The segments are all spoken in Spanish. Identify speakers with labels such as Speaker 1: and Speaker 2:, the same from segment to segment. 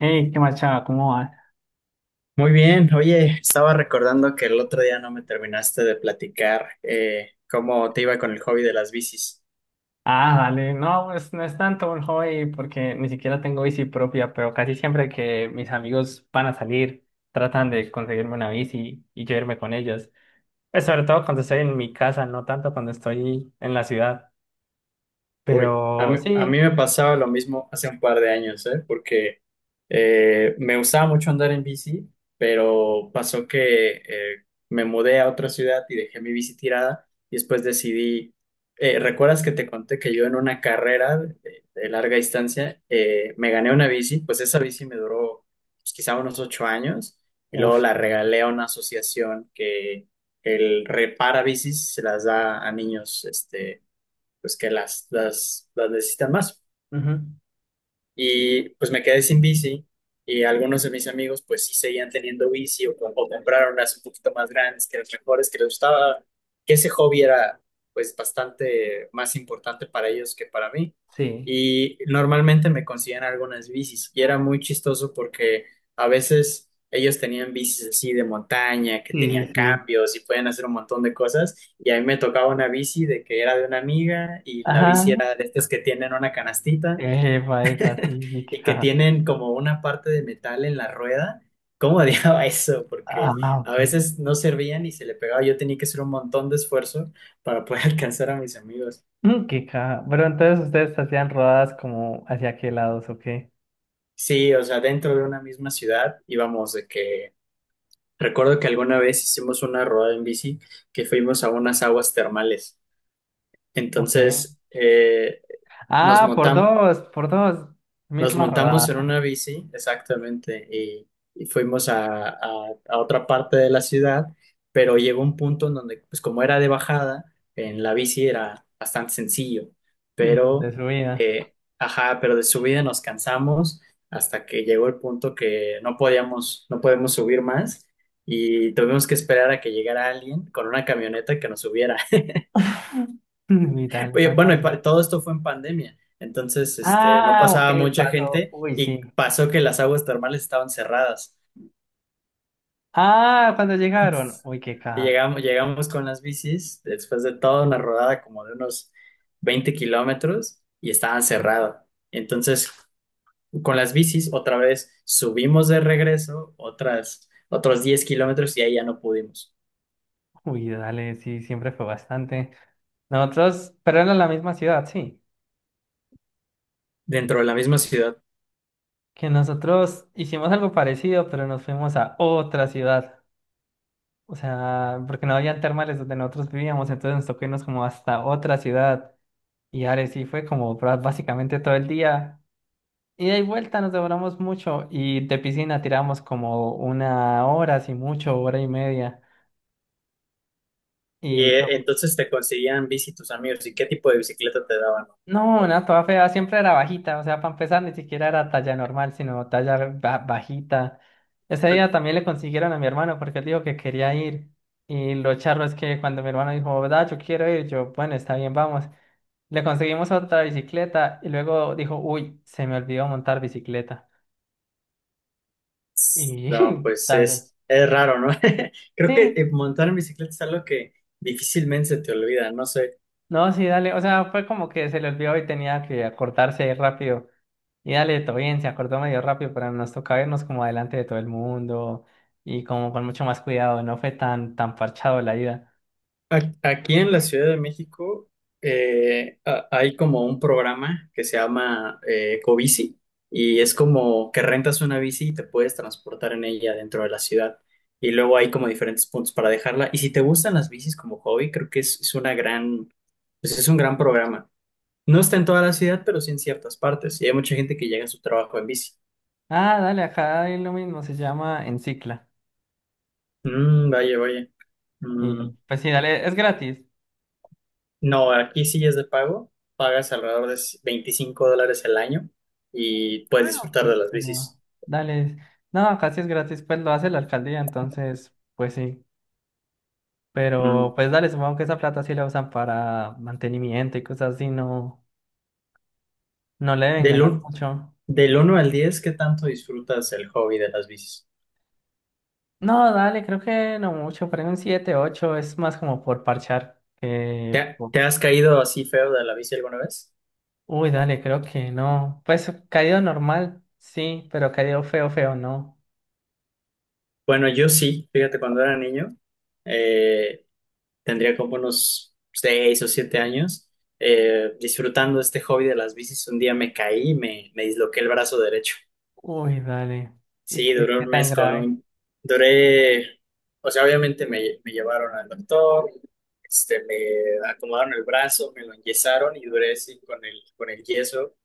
Speaker 1: Hey, ¿qué más, chava? ¿Cómo vas?
Speaker 2: Muy bien, oye, estaba recordando que el otro día no me terminaste de platicar cómo te iba con el hobby de las bicis.
Speaker 1: Ah, dale. No, pues no es tanto un hobby porque ni siquiera tengo bici propia, pero casi siempre que mis amigos van a salir, tratan de conseguirme una bici y yo irme con ellos. Pues sobre todo cuando estoy en mi casa, no tanto cuando estoy en la ciudad.
Speaker 2: Uy, a
Speaker 1: Pero
Speaker 2: mí, a mí
Speaker 1: sí,
Speaker 2: me pasaba lo mismo hace un par de años, ¿eh? Porque me gustaba mucho andar en bici, pero pasó que me mudé a otra ciudad y dejé mi bici tirada y después decidí, ¿recuerdas que te conté que yo en una carrera de larga distancia me gané una bici? Pues esa bici me duró, pues, quizá unos 8 años, y luego
Speaker 1: uff.
Speaker 2: la regalé a una asociación que el repara bicis, se las da a niños, este, pues que las necesitan más. Y pues me quedé sin bici, y algunos de mis amigos pues sí seguían teniendo bici, o compraron unas un poquito más grandes que las mejores que les gustaba, que ese hobby era pues bastante más importante para ellos que para mí.
Speaker 1: Sí,
Speaker 2: Y normalmente me conseguían algunas bicis, y era muy chistoso porque a veces ellos tenían bicis así de montaña, que
Speaker 1: sí,
Speaker 2: tenían
Speaker 1: sí, sí.
Speaker 2: cambios y podían hacer un montón de cosas. Y a mí me tocaba una bici de que era de una amiga, y la bici
Speaker 1: Ajá.
Speaker 2: era de estas que tienen una canastita
Speaker 1: Epa, epa, sí, sí, qué
Speaker 2: y que
Speaker 1: caja.
Speaker 2: tienen como una parte de metal en la rueda. ¿Cómo odiaba eso? Porque
Speaker 1: Ah, ok.
Speaker 2: a veces no servían y se le pegaba. Yo tenía que hacer un montón de esfuerzo para poder alcanzar a mis amigos.
Speaker 1: Mm, qué caja. Pero entonces ustedes hacían rodadas como hacia qué lados, ¿o qué?
Speaker 2: Sí, o sea, dentro de una misma ciudad íbamos de que... Recuerdo que alguna vez hicimos una rodada en bici, que fuimos a unas aguas termales.
Speaker 1: Ok.
Speaker 2: Entonces, nos
Speaker 1: Ah, por
Speaker 2: montamos,
Speaker 1: dos, por dos.
Speaker 2: Nos
Speaker 1: Misma
Speaker 2: montamos en
Speaker 1: rodada.
Speaker 2: una bici, exactamente, y fuimos a otra parte de la ciudad, pero llegó un punto en donde, pues como era de bajada, en la bici era bastante sencillo,
Speaker 1: Mm, de
Speaker 2: pero,
Speaker 1: su vida.
Speaker 2: ajá, pero de subida nos cansamos, hasta que llegó el punto que no podíamos, no podemos subir más, y tuvimos que esperar a que llegara alguien con una camioneta que nos subiera.
Speaker 1: Vital,
Speaker 2: Oye,
Speaker 1: tanto
Speaker 2: bueno, y
Speaker 1: así.
Speaker 2: todo esto fue en pandemia, entonces, este, no
Speaker 1: Ah,
Speaker 2: pasaba
Speaker 1: ok,
Speaker 2: mucha
Speaker 1: pasó.
Speaker 2: gente,
Speaker 1: Uy,
Speaker 2: y
Speaker 1: sí.
Speaker 2: pasó que las aguas termales estaban cerradas.
Speaker 1: Ah, cuando llegaron.
Speaker 2: Entonces,
Speaker 1: Uy, qué
Speaker 2: y
Speaker 1: caja.
Speaker 2: llegamos con las bicis después de toda una rodada como de unos 20 kilómetros, y estaban cerradas. Entonces, con las bicis otra vez subimos de regreso otras, otros 10 kilómetros, y ahí ya no pudimos,
Speaker 1: Uy, dale, sí, siempre fue bastante. Nosotros, pero era la misma ciudad, sí.
Speaker 2: dentro de la misma ciudad.
Speaker 1: Que nosotros hicimos algo parecido, pero nos fuimos a otra ciudad. O sea, porque no habían termales donde nosotros vivíamos, entonces nos tocó irnos como hasta otra ciudad. Y ahora sí fue como básicamente todo el día. Ida y vuelta nos demoramos mucho y de piscina tiramos como una hora, si mucho, hora y media.
Speaker 2: Y
Speaker 1: Y fue...
Speaker 2: entonces te conseguían bici tus amigos, y qué tipo de bicicleta te daban.
Speaker 1: No, una toda fea, siempre era bajita, o sea, para empezar ni siquiera era talla normal, sino talla bajita. Ese día también le consiguieron a mi hermano porque él dijo que quería ir. Y lo charro es que cuando mi hermano dijo, da, yo quiero ir, yo, bueno, está bien, vamos. Le conseguimos otra bicicleta y luego dijo, uy, se me olvidó montar bicicleta. Y
Speaker 2: No, pues
Speaker 1: dale.
Speaker 2: es raro, ¿no? Creo que
Speaker 1: Sí,
Speaker 2: montar en bicicleta es algo que difícilmente se te olvida, no sé.
Speaker 1: no, sí, dale. O sea, fue como que se le olvidó y tenía que acordarse rápido. Y dale, todo bien, se acordó medio rápido, pero nos tocaba irnos como adelante de todo el mundo y como con mucho más cuidado. No fue tan parchado la ida.
Speaker 2: Aquí en la Ciudad de México, hay como un programa que se llama, Ecobici, y es como que rentas una bici y te puedes transportar en ella dentro de la ciudad. Y luego hay como diferentes puntos para dejarla. Y si te gustan las bicis como hobby, creo que es una gran, pues es un gran programa. No está en toda la ciudad, pero sí en ciertas partes. Y hay mucha gente que llega a su trabajo en bici.
Speaker 1: Ah, dale, acá hay lo mismo, se llama Encicla.
Speaker 2: Mm, vaya, vaya.
Speaker 1: Y
Speaker 2: Mm,
Speaker 1: pues sí, dale, es gratis.
Speaker 2: no, aquí sí es de pago. Pagas alrededor de $25 el año y puedes disfrutar
Speaker 1: Sí,
Speaker 2: de las
Speaker 1: pero
Speaker 2: bicis.
Speaker 1: dale. No, acá sí es gratis, pues lo hace la alcaldía, entonces, pues sí. Pero
Speaker 2: Mm,
Speaker 1: pues dale, supongo que esa plata sí la usan para mantenimiento y cosas así, no, no le deben
Speaker 2: Del,
Speaker 1: ganar
Speaker 2: un-
Speaker 1: mucho.
Speaker 2: del 1 al 10, ¿qué tanto disfrutas el hobby de las bicis?
Speaker 1: No, dale, creo que no mucho, pero en un 7, 8, es más como por parchar.
Speaker 2: ¿Te, ha- te has caído así feo de la bici alguna vez?
Speaker 1: Uy, dale, creo que no. Pues caído normal, sí, pero caído feo, feo, no.
Speaker 2: Bueno, yo sí. Fíjate, cuando era niño, eh, tendría como unos 6 o 7 años, disfrutando este hobby de las bicis. Un día me caí y me disloqué el brazo derecho.
Speaker 1: Uy, dale. ¿Y
Speaker 2: Sí,
Speaker 1: qué,
Speaker 2: duré
Speaker 1: qué
Speaker 2: un
Speaker 1: tan
Speaker 2: mes
Speaker 1: grave?
Speaker 2: duré, o sea, obviamente me llevaron al doctor, este, me acomodaron el brazo, me lo enyesaron y duré así con el yeso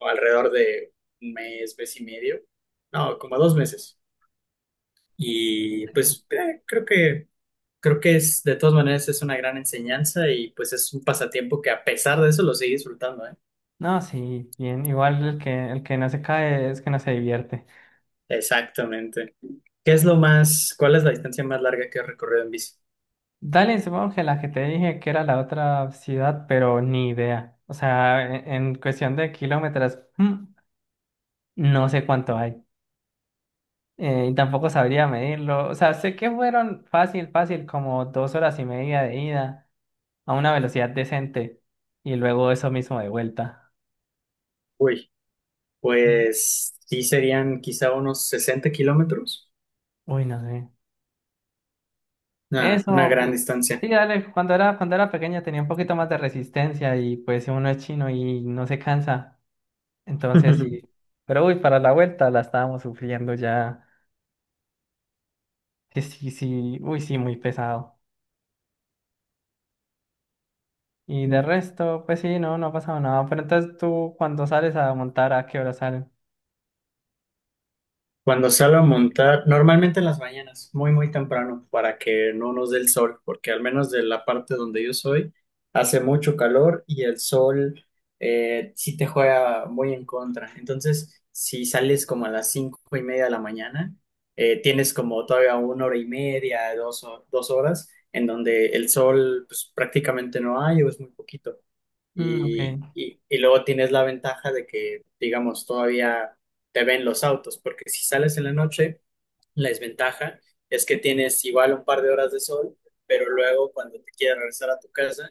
Speaker 2: alrededor de un mes, mes y medio, no, como 2 meses. Y pues creo que, de todas maneras es una gran enseñanza, y pues es un pasatiempo que a pesar de eso lo sigue disfrutando, ¿eh?
Speaker 1: No, sí, bien. Igual el que no se cae es que no se divierte.
Speaker 2: Exactamente. ¿Qué es lo más, cuál es la distancia más larga que has recorrido en bici?
Speaker 1: Dale, supongo que la que te dije que era la otra ciudad, pero ni idea. O sea, en cuestión de kilómetros, mm, no sé cuánto hay. Y tampoco sabría medirlo. O sea, sé que fueron fácil, fácil, como 2 horas y media de ida a una velocidad decente y luego eso mismo de vuelta.
Speaker 2: Uy.
Speaker 1: Y-
Speaker 2: Pues sí serían quizá unos 60 kilómetros.
Speaker 1: Uy, no sé.
Speaker 2: Una
Speaker 1: Eso,
Speaker 2: gran
Speaker 1: y- sí,
Speaker 2: distancia.
Speaker 1: dale, cuando era pequeña tenía un poquito más de resistencia y pues uno es chino y no se cansa. Entonces sí. Pero uy, para la vuelta la estábamos sufriendo ya. Sí, sí, sí, uy, sí, muy pesado. Y de resto, pues sí, no, no ha pasado nada. Pero entonces tú cuando sales a montar, ¿a qué hora salen?
Speaker 2: Cuando salgo a montar, normalmente en las mañanas, muy, muy temprano, para que no nos dé el sol, porque al menos de la parte donde yo soy, hace mucho calor, y el sol, sí te juega muy en contra. Entonces, si sales como a las 5:30 de la mañana, tienes como todavía una hora y media, dos horas, en donde el sol pues, prácticamente no hay o es muy poquito.
Speaker 1: Mm, ok.
Speaker 2: Y luego tienes la ventaja de que, digamos, todavía te ven los autos, porque si sales en la noche, la desventaja es que tienes igual un par de horas de sol, pero luego cuando te quieres regresar a tu casa,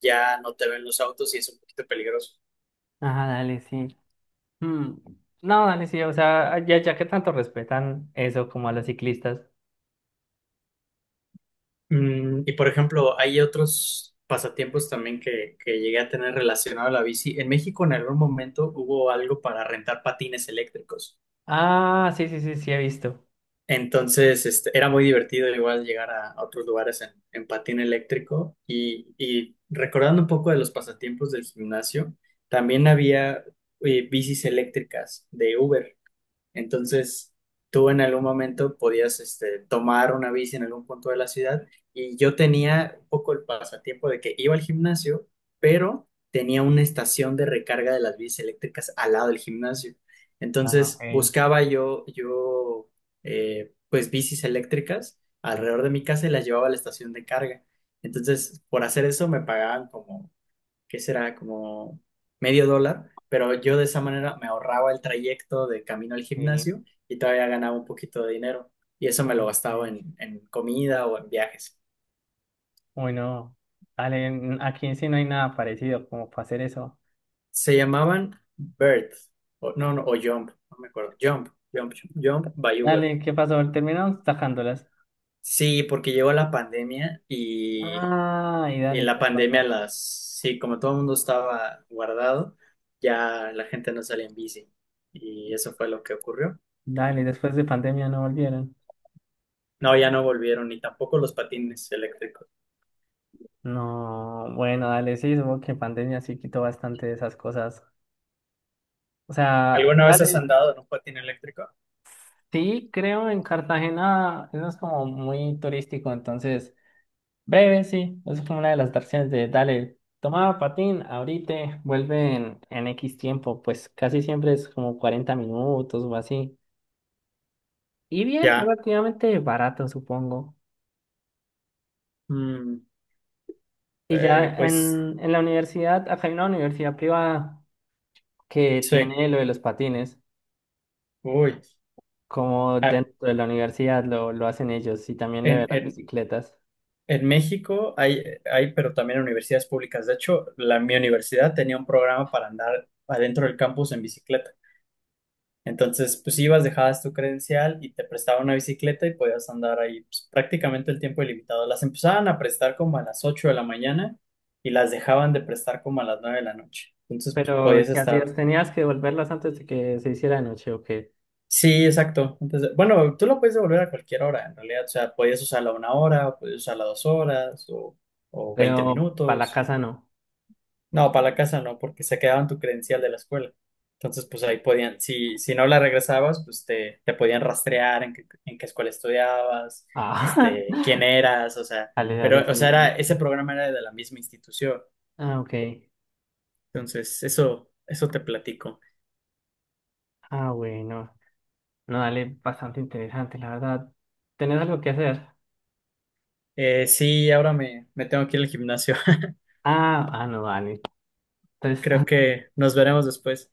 Speaker 2: ya no te ven los autos y es un poquito peligroso.
Speaker 1: Ajá, dale, sí. Mm, no, dale, sí. O sea, ya, ya que tanto respetan eso como a los ciclistas.
Speaker 2: Y por ejemplo, hay otros pasatiempos también que llegué a tener relacionado a la bici. En México, en algún momento hubo algo para rentar patines eléctricos.
Speaker 1: Ah, sí, sí, sí, sí, he visto.
Speaker 2: Entonces, este, era muy divertido igual llegar a otros lugares en patín eléctrico, y recordando un poco de los pasatiempos del gimnasio, también había bicis eléctricas de Uber. Entonces, tú en algún momento podías, este, tomar una bici en algún punto de la ciudad, y yo tenía un poco el pasatiempo de que iba al gimnasio, pero tenía una estación de recarga de las bicis eléctricas al lado del gimnasio.
Speaker 1: Ah, ok.
Speaker 2: Entonces, buscaba yo pues bicis eléctricas alrededor de mi casa y las llevaba a la estación de carga. Entonces, por hacer eso me pagaban como que será como medio dólar, pero yo de esa manera me ahorraba el trayecto de camino al
Speaker 1: Sí.
Speaker 2: gimnasio y todavía ganaba un poquito de dinero. Y eso me lo
Speaker 1: Uy,
Speaker 2: gastaba
Speaker 1: sí.
Speaker 2: en comida o en viajes.
Speaker 1: Uy, no. Dale, aquí sí no hay nada parecido como para hacer eso.
Speaker 2: Se llamaban Bird, no, no, o Jump, no me acuerdo. Jump by Uber.
Speaker 1: Dale, ¿qué pasó? Terminaron tajándolas.
Speaker 2: Sí, porque llegó la pandemia y
Speaker 1: Ah, y
Speaker 2: en
Speaker 1: dale,
Speaker 2: la
Speaker 1: ¿qué
Speaker 2: pandemia
Speaker 1: pasó?
Speaker 2: sí, como todo el mundo estaba guardado, ya la gente no salía en bici, y eso fue lo que ocurrió.
Speaker 1: Dale, después de pandemia no volvieron.
Speaker 2: No, ya no volvieron, ni tampoco los patines eléctricos.
Speaker 1: No, bueno, dale, sí, supongo que pandemia sí quitó bastante de esas cosas. O sea,
Speaker 2: ¿Alguna vez has
Speaker 1: dale,
Speaker 2: andado en un patín eléctrico?
Speaker 1: sí, creo en Cartagena, eso es como muy turístico, entonces, breve, sí, eso es como una de las atracciones de, dale, toma patín, ahorita, vuelve en X tiempo, pues casi siempre es como 40 minutos o así. Y bien,
Speaker 2: Ya.
Speaker 1: relativamente barato, supongo.
Speaker 2: Mm,
Speaker 1: Y ya
Speaker 2: pues
Speaker 1: en la universidad, acá hay una universidad privada que
Speaker 2: sí.
Speaker 1: tiene lo de los patines,
Speaker 2: Uy.
Speaker 1: como
Speaker 2: Ah,
Speaker 1: dentro de la universidad lo hacen ellos, y también lo
Speaker 2: en,
Speaker 1: de las
Speaker 2: en,
Speaker 1: bicicletas.
Speaker 2: en México hay, pero también universidades públicas. De hecho, mi universidad tenía un programa para andar adentro del campus en bicicleta. Entonces, pues ibas, dejabas tu credencial y te prestaban una bicicleta, y podías andar ahí pues, prácticamente el tiempo ilimitado. Las empezaban a prestar como a las 8 de la mañana y las dejaban de prestar como a las 9 de la noche. Entonces, pues,
Speaker 1: Pero,
Speaker 2: podías
Speaker 1: ¿qué
Speaker 2: estar...
Speaker 1: hacías? ¿Tenías que devolverlas antes de que se hiciera de noche o qué?
Speaker 2: Sí, exacto. Bueno, tú lo puedes devolver a cualquier hora, en realidad. O sea, podías usarla una hora, o podías usarla 2 horas, o 20
Speaker 1: Pero, para la
Speaker 2: minutos.
Speaker 1: casa no.
Speaker 2: No, para la casa no, porque se quedaban tu credencial de la escuela. Entonces, pues ahí podían, si no la regresabas, pues te podían rastrear en qué escuela estudiabas,
Speaker 1: Ah,
Speaker 2: este, quién eras, o sea,
Speaker 1: dale, dale,
Speaker 2: pero, o sea,
Speaker 1: sí.
Speaker 2: ese
Speaker 1: Sí.
Speaker 2: programa era de la misma institución.
Speaker 1: Ah, ok.
Speaker 2: Entonces, eso te platico.
Speaker 1: Ah, bueno. No, dale, bastante interesante, la verdad. ¿Tenés algo que hacer?
Speaker 2: Sí, ahora me tengo que ir al gimnasio.
Speaker 1: Ah, ah, no, dale. Entonces,
Speaker 2: Creo que nos veremos después.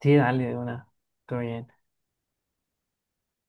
Speaker 1: sí, dale, de una. Todo bien.